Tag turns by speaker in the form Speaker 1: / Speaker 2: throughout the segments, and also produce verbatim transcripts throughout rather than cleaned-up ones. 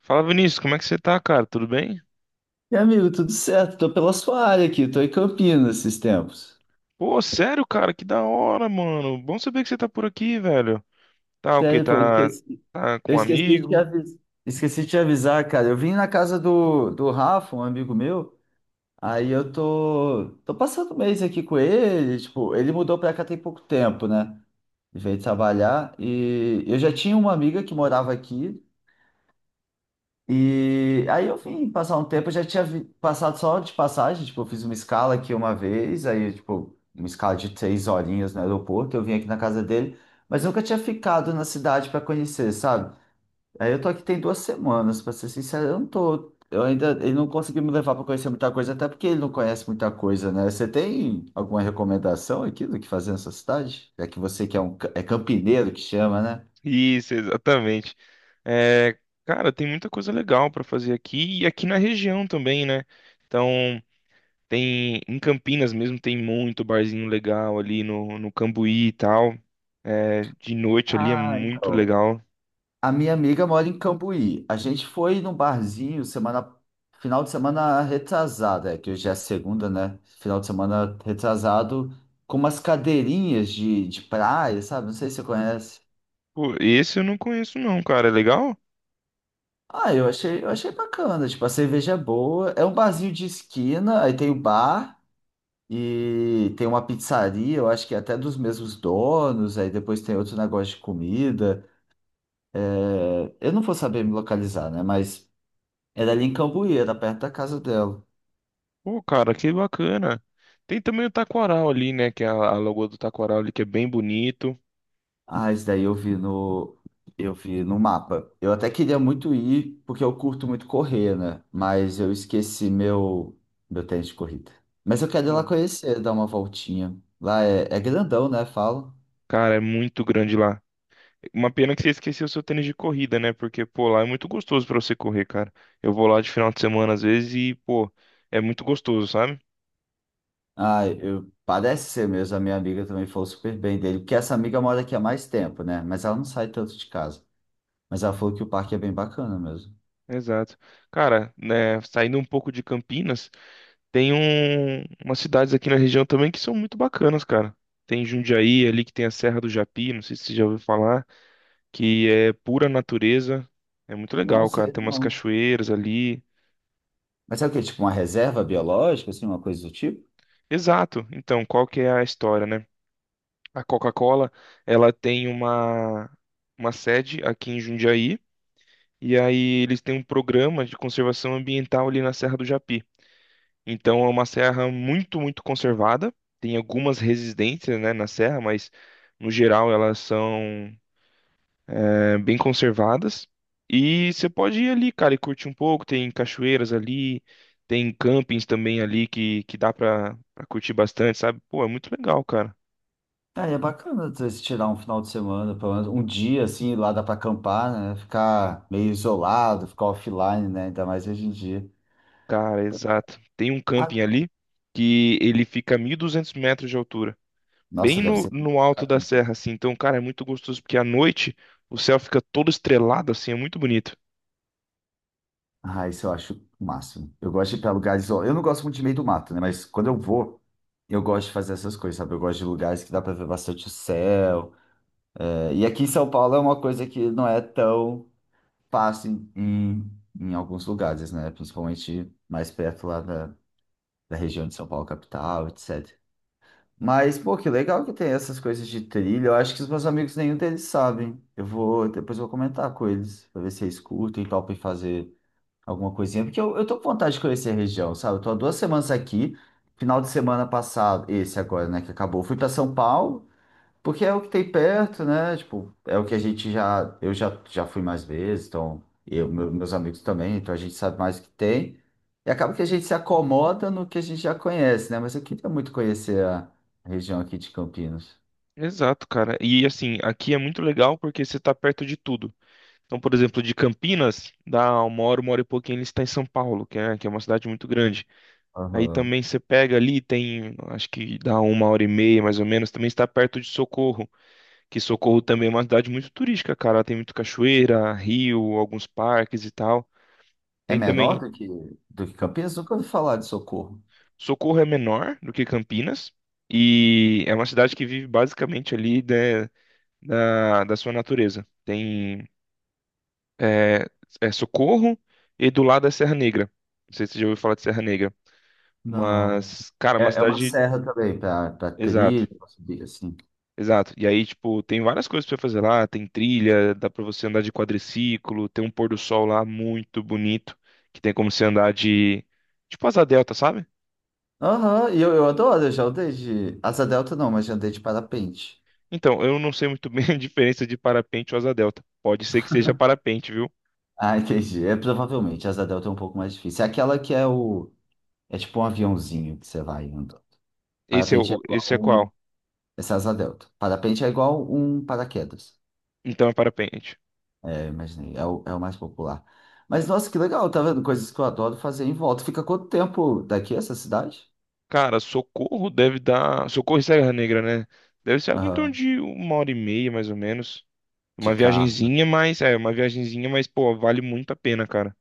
Speaker 1: Fala, Vinícius, como é que você tá, cara? Tudo bem?
Speaker 2: E amigo, tudo certo? Tô pela sua área aqui, tô em Campinas esses tempos.
Speaker 1: Pô, sério, cara, que da hora, mano. Bom saber que você tá por aqui, velho. Tá o quê?
Speaker 2: Sério, pô, eu
Speaker 1: Tá,
Speaker 2: esqueci,
Speaker 1: tá
Speaker 2: eu
Speaker 1: com um
Speaker 2: esqueci de te
Speaker 1: amigo?
Speaker 2: avisar, esqueci de te avisar, cara. Eu vim na casa do, do Rafa, um amigo meu, aí eu tô, tô passando um mês aqui com ele, tipo, ele mudou pra cá tem pouco tempo, né? Veio trabalhar e eu já tinha uma amiga que morava aqui, e aí eu vim passar um tempo, eu já tinha vi- passado só de passagem, tipo, eu fiz uma escala aqui uma vez, aí, tipo, uma escala de três horinhas no aeroporto, eu vim aqui na casa dele, mas nunca tinha ficado na cidade para conhecer, sabe? Aí eu tô aqui tem duas semanas, pra ser sincero, eu não tô, eu ainda, ele não conseguiu me levar para conhecer muita coisa, até porque ele não conhece muita coisa, né? Você tem alguma recomendação aqui do que fazer nessa cidade? É que você que é um, ca- é campineiro que chama, né?
Speaker 1: Isso, exatamente. É, cara, tem muita coisa legal pra fazer aqui e aqui na região também, né? Então, tem em Campinas mesmo tem muito barzinho legal ali no, no Cambuí e tal. É, de noite ali é
Speaker 2: Ah,
Speaker 1: muito
Speaker 2: então.
Speaker 1: legal.
Speaker 2: A minha amiga mora em Cambuí. A gente foi num barzinho semana, final de semana retrasada, é, que hoje é a segunda, né? Final de semana retrasado, com umas cadeirinhas de, de praia, sabe? Não sei se você conhece.
Speaker 1: Pô, esse eu não conheço não, cara. É legal?
Speaker 2: Ah, eu achei, eu achei bacana. Tipo, a cerveja é boa. É um barzinho de esquina, aí tem o bar e tem uma pizzaria, eu acho que é até dos mesmos donos. Aí depois tem outro negócio de comida. É, eu não vou saber me localizar, né? Mas era ali em Cambuí, era perto da casa dela.
Speaker 1: Pô, cara, que bacana. Tem também o taquaral ali, né? Que é a, a lagoa do taquaral ali, que é bem bonito.
Speaker 2: Ah, isso daí eu vi no, eu vi no mapa. Eu até queria muito ir, porque eu curto muito correr, né? Mas eu esqueci meu, meu tênis de corrida. Mas eu quero ir lá
Speaker 1: Pô,
Speaker 2: conhecer, dar uma voltinha. Lá é, é grandão, né? Fala.
Speaker 1: cara, é muito grande lá. Uma pena que você esqueceu seu tênis de corrida, né? Porque, pô, lá é muito gostoso pra você correr, cara. Eu vou lá de final de semana às vezes e, pô, é muito gostoso, sabe?
Speaker 2: Ah, eu, parece ser mesmo. A minha amiga também falou super bem dele. Porque essa amiga mora aqui há mais tempo, né? Mas ela não sai tanto de casa. Mas ela falou que o parque é bem bacana mesmo.
Speaker 1: Exato. Cara, né, saindo um pouco de Campinas, tem um, umas cidades aqui na região também que são muito bacanas, cara. Tem Jundiaí ali que tem a Serra do Japi, não sei se você já ouviu falar, que é pura natureza. É muito
Speaker 2: Não
Speaker 1: legal, cara.
Speaker 2: sei,
Speaker 1: Tem umas
Speaker 2: não.
Speaker 1: cachoeiras ali.
Speaker 2: Mas é o quê? Tipo uma reserva biológica, assim, uma coisa do tipo?
Speaker 1: Exato. Então, qual que é a história, né? A Coca-Cola, ela tem uma uma sede aqui em Jundiaí e aí eles têm um programa de conservação ambiental ali na Serra do Japi. Então, é uma serra muito, muito conservada. Tem algumas resistências, né, na serra, mas no geral elas são eh, bem conservadas. E você pode ir ali, cara, e curtir um pouco. Tem cachoeiras ali, tem campings também ali que, que dá pra, pra curtir bastante, sabe? Pô, é muito legal, cara.
Speaker 2: Ah, e é bacana às vezes, tirar um final de semana, pelo menos um dia assim, lá dá para acampar, né? Ficar meio isolado, ficar offline, né? Ainda mais hoje em dia.
Speaker 1: Cara, exato. Tem um
Speaker 2: Ah,
Speaker 1: camping ali que ele fica a mil e duzentos metros de altura,
Speaker 2: nossa,
Speaker 1: bem
Speaker 2: deve
Speaker 1: no,
Speaker 2: ser.
Speaker 1: no alto da serra, assim. Então, cara, é muito gostoso porque à noite o céu fica todo estrelado, assim, é muito bonito.
Speaker 2: Ah, isso eu acho o máximo. Eu gosto de ir para lugares. Ó, eu não gosto muito de meio do mato, né? Mas quando eu vou, eu gosto de fazer essas coisas, sabe? Eu gosto de lugares que dá para ver bastante o céu. É, e aqui em São Paulo é uma coisa que não é tão fácil em, em, em alguns lugares, né? Principalmente mais perto lá da, da região de São Paulo, capital, etcetera. Mas, pô, que legal que tem essas coisas de trilha. Eu acho que os meus amigos, nenhum deles sabem. Eu vou, depois eu vou comentar com eles, pra ver se eles curtem e topem fazer alguma coisinha. Porque eu, eu tô com vontade de conhecer a região, sabe? Eu tô há duas semanas aqui. Final de semana passado, esse agora, né, que acabou. Fui pra São Paulo, porque é o que tem perto, né? Tipo, é o que a gente já. Eu já, já fui mais vezes, então. Eu, meu- meus amigos também, então a gente sabe mais o que tem. E acaba que a gente se acomoda no que a gente já conhece, né? Mas eu queria muito conhecer a região aqui de Campinas.
Speaker 1: Exato, cara. E assim, aqui é muito legal porque você tá perto de tudo. Então, por exemplo, de Campinas, dá uma hora, uma hora e pouquinho, ele está em São Paulo, que é, que é uma cidade muito grande. Aí
Speaker 2: Aham.
Speaker 1: também você pega ali, tem, acho que dá uma hora e meia, mais ou menos, também está perto de Socorro, que Socorro também é uma cidade muito turística, cara. Tem muito cachoeira, rio, alguns parques e tal.
Speaker 2: É
Speaker 1: Tem
Speaker 2: menor
Speaker 1: também,
Speaker 2: do que, do que Campinas? Nunca ouvi falar de Socorro.
Speaker 1: Socorro é menor do que Campinas, e é uma cidade que vive basicamente ali, né, da, da sua natureza. Tem é, é Socorro e do lado é Serra Negra. Não sei se você já ouviu falar de Serra Negra,
Speaker 2: Não.
Speaker 1: mas, cara, é uma
Speaker 2: É, é uma
Speaker 1: cidade.
Speaker 2: serra também, pra, pra trilha,
Speaker 1: Exato,
Speaker 2: pra subir assim.
Speaker 1: exato. E aí, tipo, tem várias coisas pra fazer lá: tem trilha, dá pra você andar de quadriciclo, tem um pôr do sol lá muito bonito, que tem como você andar de, tipo, asa delta, sabe?
Speaker 2: Aham, e eu, eu adoro, eu já andei de. Asa delta não, mas já andei de parapente.
Speaker 1: Então, eu não sei muito bem a diferença de parapente ou asa delta. Pode ser que seja parapente, viu?
Speaker 2: Ah, entendi. É, provavelmente, asa delta é um pouco mais difícil. É aquela que é o... É tipo um aviãozinho que você vai andando.
Speaker 1: Esse é,
Speaker 2: Parapente é
Speaker 1: o,
Speaker 2: igual
Speaker 1: esse é
Speaker 2: um...
Speaker 1: qual?
Speaker 2: Essa é asa delta. Parapente é igual um paraquedas.
Speaker 1: Então é parapente.
Speaker 2: É, imaginei. É o, é o mais popular. Mas, nossa, que legal. Tá vendo? Coisas que eu adoro fazer em volta. Fica quanto tempo daqui essa cidade?
Speaker 1: Cara, Socorro deve dar. Socorro e Serra Negra, né? Deve ser algo em torno
Speaker 2: Aham.
Speaker 1: de uma hora e meia, mais ou menos.
Speaker 2: De
Speaker 1: Uma
Speaker 2: carro.
Speaker 1: viagenzinha, mas. É, uma viagenzinha, mas, pô, vale muito a pena, cara.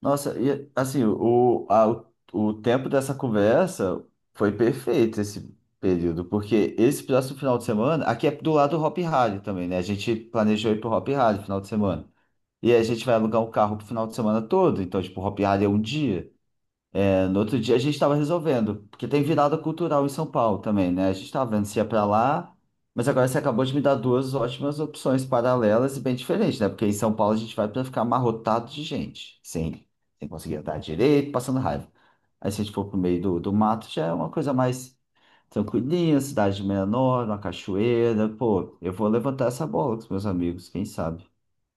Speaker 2: Nossa, e assim, o, a, o, o tempo dessa conversa foi perfeito esse período, porque esse próximo final de semana, aqui é do lado do Hop Harry também, né? A gente planejou ir pro Hop Harry final de semana. E aí a gente vai alugar um carro pro final de semana todo, então, tipo, o Hop Harry é um dia. No outro dia a gente estava resolvendo, porque tem virada cultural em São Paulo também, né? A gente estava vendo se
Speaker 1: Uhum.
Speaker 2: ia para lá, mas agora você acabou de me dar duas ótimas opções paralelas e bem diferentes, né? Porque em São Paulo a gente vai para ficar amarrotado de gente, sem, sem conseguir andar direito, passando raiva. Aí se a gente for pro meio do, do mato, já é uma coisa mais tranquilinha, cidade menor, uma cachoeira. Pô, eu vou levantar essa bola com os meus amigos, quem sabe?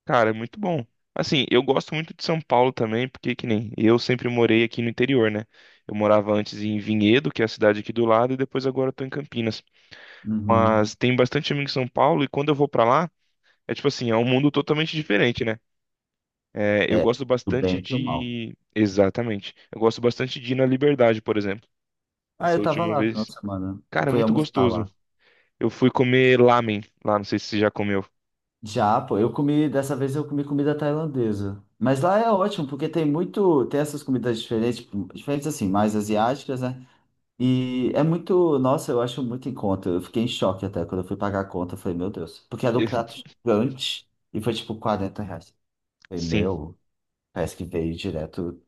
Speaker 1: Cara, é muito bom. Assim, eu gosto muito de São Paulo também, porque que nem eu sempre morei aqui no interior, né? Eu morava antes em Vinhedo, que é a cidade aqui do lado, e depois agora eu tô em Campinas.
Speaker 2: Uhum.
Speaker 1: Mas tem bastante amigo em São Paulo, e quando eu vou pra lá, é tipo assim, é um mundo totalmente diferente, né? É, eu
Speaker 2: É,
Speaker 1: gosto
Speaker 2: do
Speaker 1: bastante
Speaker 2: bem e do mal.
Speaker 1: de. Exatamente. Eu gosto bastante de ir na Liberdade, por exemplo.
Speaker 2: Ah,
Speaker 1: Essa
Speaker 2: eu tava
Speaker 1: última
Speaker 2: lá no final
Speaker 1: vez.
Speaker 2: de semana. Eu
Speaker 1: Cara, é
Speaker 2: fui
Speaker 1: muito
Speaker 2: almoçar
Speaker 1: gostoso.
Speaker 2: lá.
Speaker 1: Eu fui comer lamen lá, não sei se você já comeu.
Speaker 2: Já, pô, eu comi, dessa vez eu comi comida tailandesa. Mas lá é ótimo, porque tem muito, tem essas comidas diferentes, tipo, diferentes assim, mais asiáticas, né? E é muito, nossa, eu acho muito em conta. Eu fiquei em choque até quando eu fui pagar a conta, eu falei, meu Deus, porque era um
Speaker 1: E-
Speaker 2: prato gigante e foi tipo quarenta reais. Eu falei,
Speaker 1: Sim.
Speaker 2: meu, parece que veio direto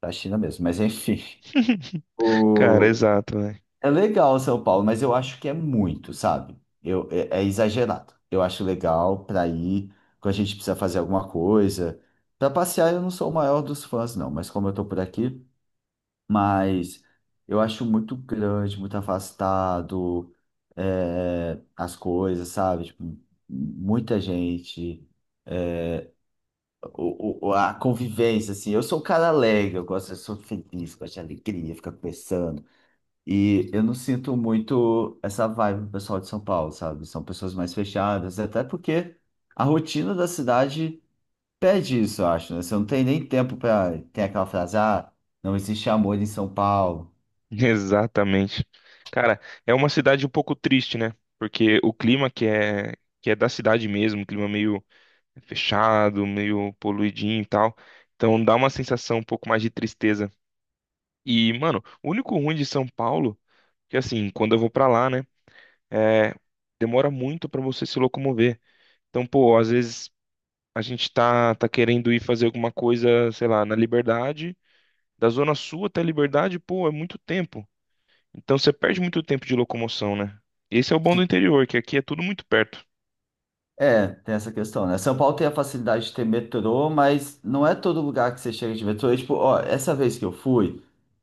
Speaker 2: da China mesmo, mas enfim.
Speaker 1: Cara,
Speaker 2: O...
Speaker 1: exato, né?
Speaker 2: É legal São Paulo, mas eu acho que é muito, sabe? Eu, é, é exagerado. Eu acho legal para ir quando a gente precisa fazer alguma coisa. Para passear, eu não sou o maior dos fãs, não, mas como eu tô por aqui, mas eu acho muito grande, muito afastado, é, as coisas, sabe? Tipo, muita gente, o, o- a convivência, assim. Eu sou um cara alegre, eu gosto, eu sou feliz, gosto de alegria, ficar conversando e eu não sinto muito essa vibe do pessoal de São Paulo, sabe? São pessoas mais fechadas, até porque a rotina da cidade pede isso, eu acho, né? Você não tem nem tempo para. Tem aquela frase, ah, não existe amor em São Paulo.
Speaker 1: Exatamente. Cara, é uma cidade um pouco triste, né? Porque o clima que é, que é da cidade mesmo, um clima meio fechado, meio poluidinho e tal. Então dá uma sensação um pouco mais de tristeza. E, mano, o único ruim de São Paulo, que assim, quando eu vou pra lá, né, é demora muito pra você se locomover. Então, pô, às vezes a gente tá tá querendo ir fazer alguma coisa, sei lá, na Liberdade, da Zona Sul até a Liberdade, pô, é muito tempo. Então você perde muito tempo de locomoção, né? Esse é o bom do
Speaker 2: Se-
Speaker 1: interior, que aqui é tudo muito perto.
Speaker 2: É, tem essa questão, né? São Paulo tem a facilidade de ter metrô, mas não é todo lugar que você chega de metrô. E, tipo, ó, essa vez que eu fui,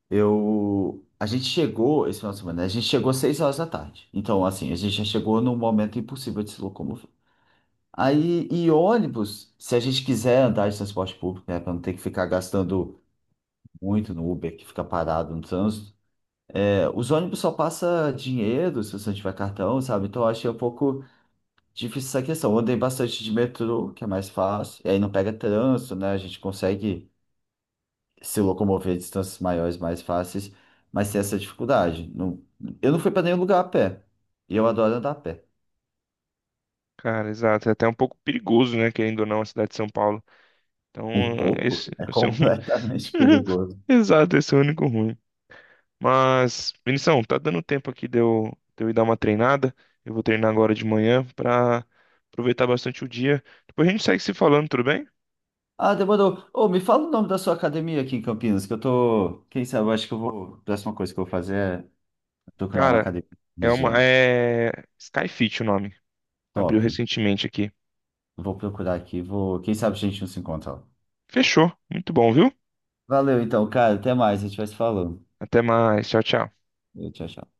Speaker 2: eu. A gente chegou esse final de semana, né? A gente chegou às seis horas da tarde. Então, assim, a gente já chegou num momento impossível de se locomover. Aí, e ônibus, se a gente quiser andar de transporte público, né, para não ter que ficar gastando muito no Uber, que fica parado no trânsito, é, os ônibus só passa dinheiro se você não tiver cartão, sabe? Então, eu achei um pouco difícil essa questão. Eu andei bastante de metrô, que é mais fácil, e aí não pega trânsito, né? A gente consegue se locomover distâncias maiores mais fáceis, mas tem essa dificuldade. Não, eu não fui para nenhum lugar a pé, e eu adoro andar a pé.
Speaker 1: Cara, exato, é até um pouco perigoso, né, querendo ou não, a cidade de São Paulo. Então,
Speaker 2: Um pouco
Speaker 1: esse,
Speaker 2: é
Speaker 1: esse é um...
Speaker 2: completamente perigoso.
Speaker 1: Exato, esse é o único ruim. Mas, Vinição, tá dando tempo aqui de eu, de eu ir dar uma treinada. Eu vou treinar agora de manhã pra aproveitar bastante o dia. Depois a gente segue se falando, tudo bem?
Speaker 2: Ah, demorou. Ô, me fala o nome da sua academia aqui em Campinas, que eu tô. Quem sabe, eu acho que eu vou. A próxima coisa que eu vou fazer é procurar uma
Speaker 1: Cara,
Speaker 2: academia na
Speaker 1: é uma.
Speaker 2: região.
Speaker 1: É. Skyfit o nome. Abriu
Speaker 2: Top.
Speaker 1: recentemente aqui.
Speaker 2: Vou procurar aqui, vou. Quem sabe a gente não se encontra lá.
Speaker 1: Fechou. Muito bom, viu?
Speaker 2: Valeu, então, cara. Até mais. A gente vai se falando.
Speaker 1: Até mais. Tchau, tchau.
Speaker 2: Tchau, tchau.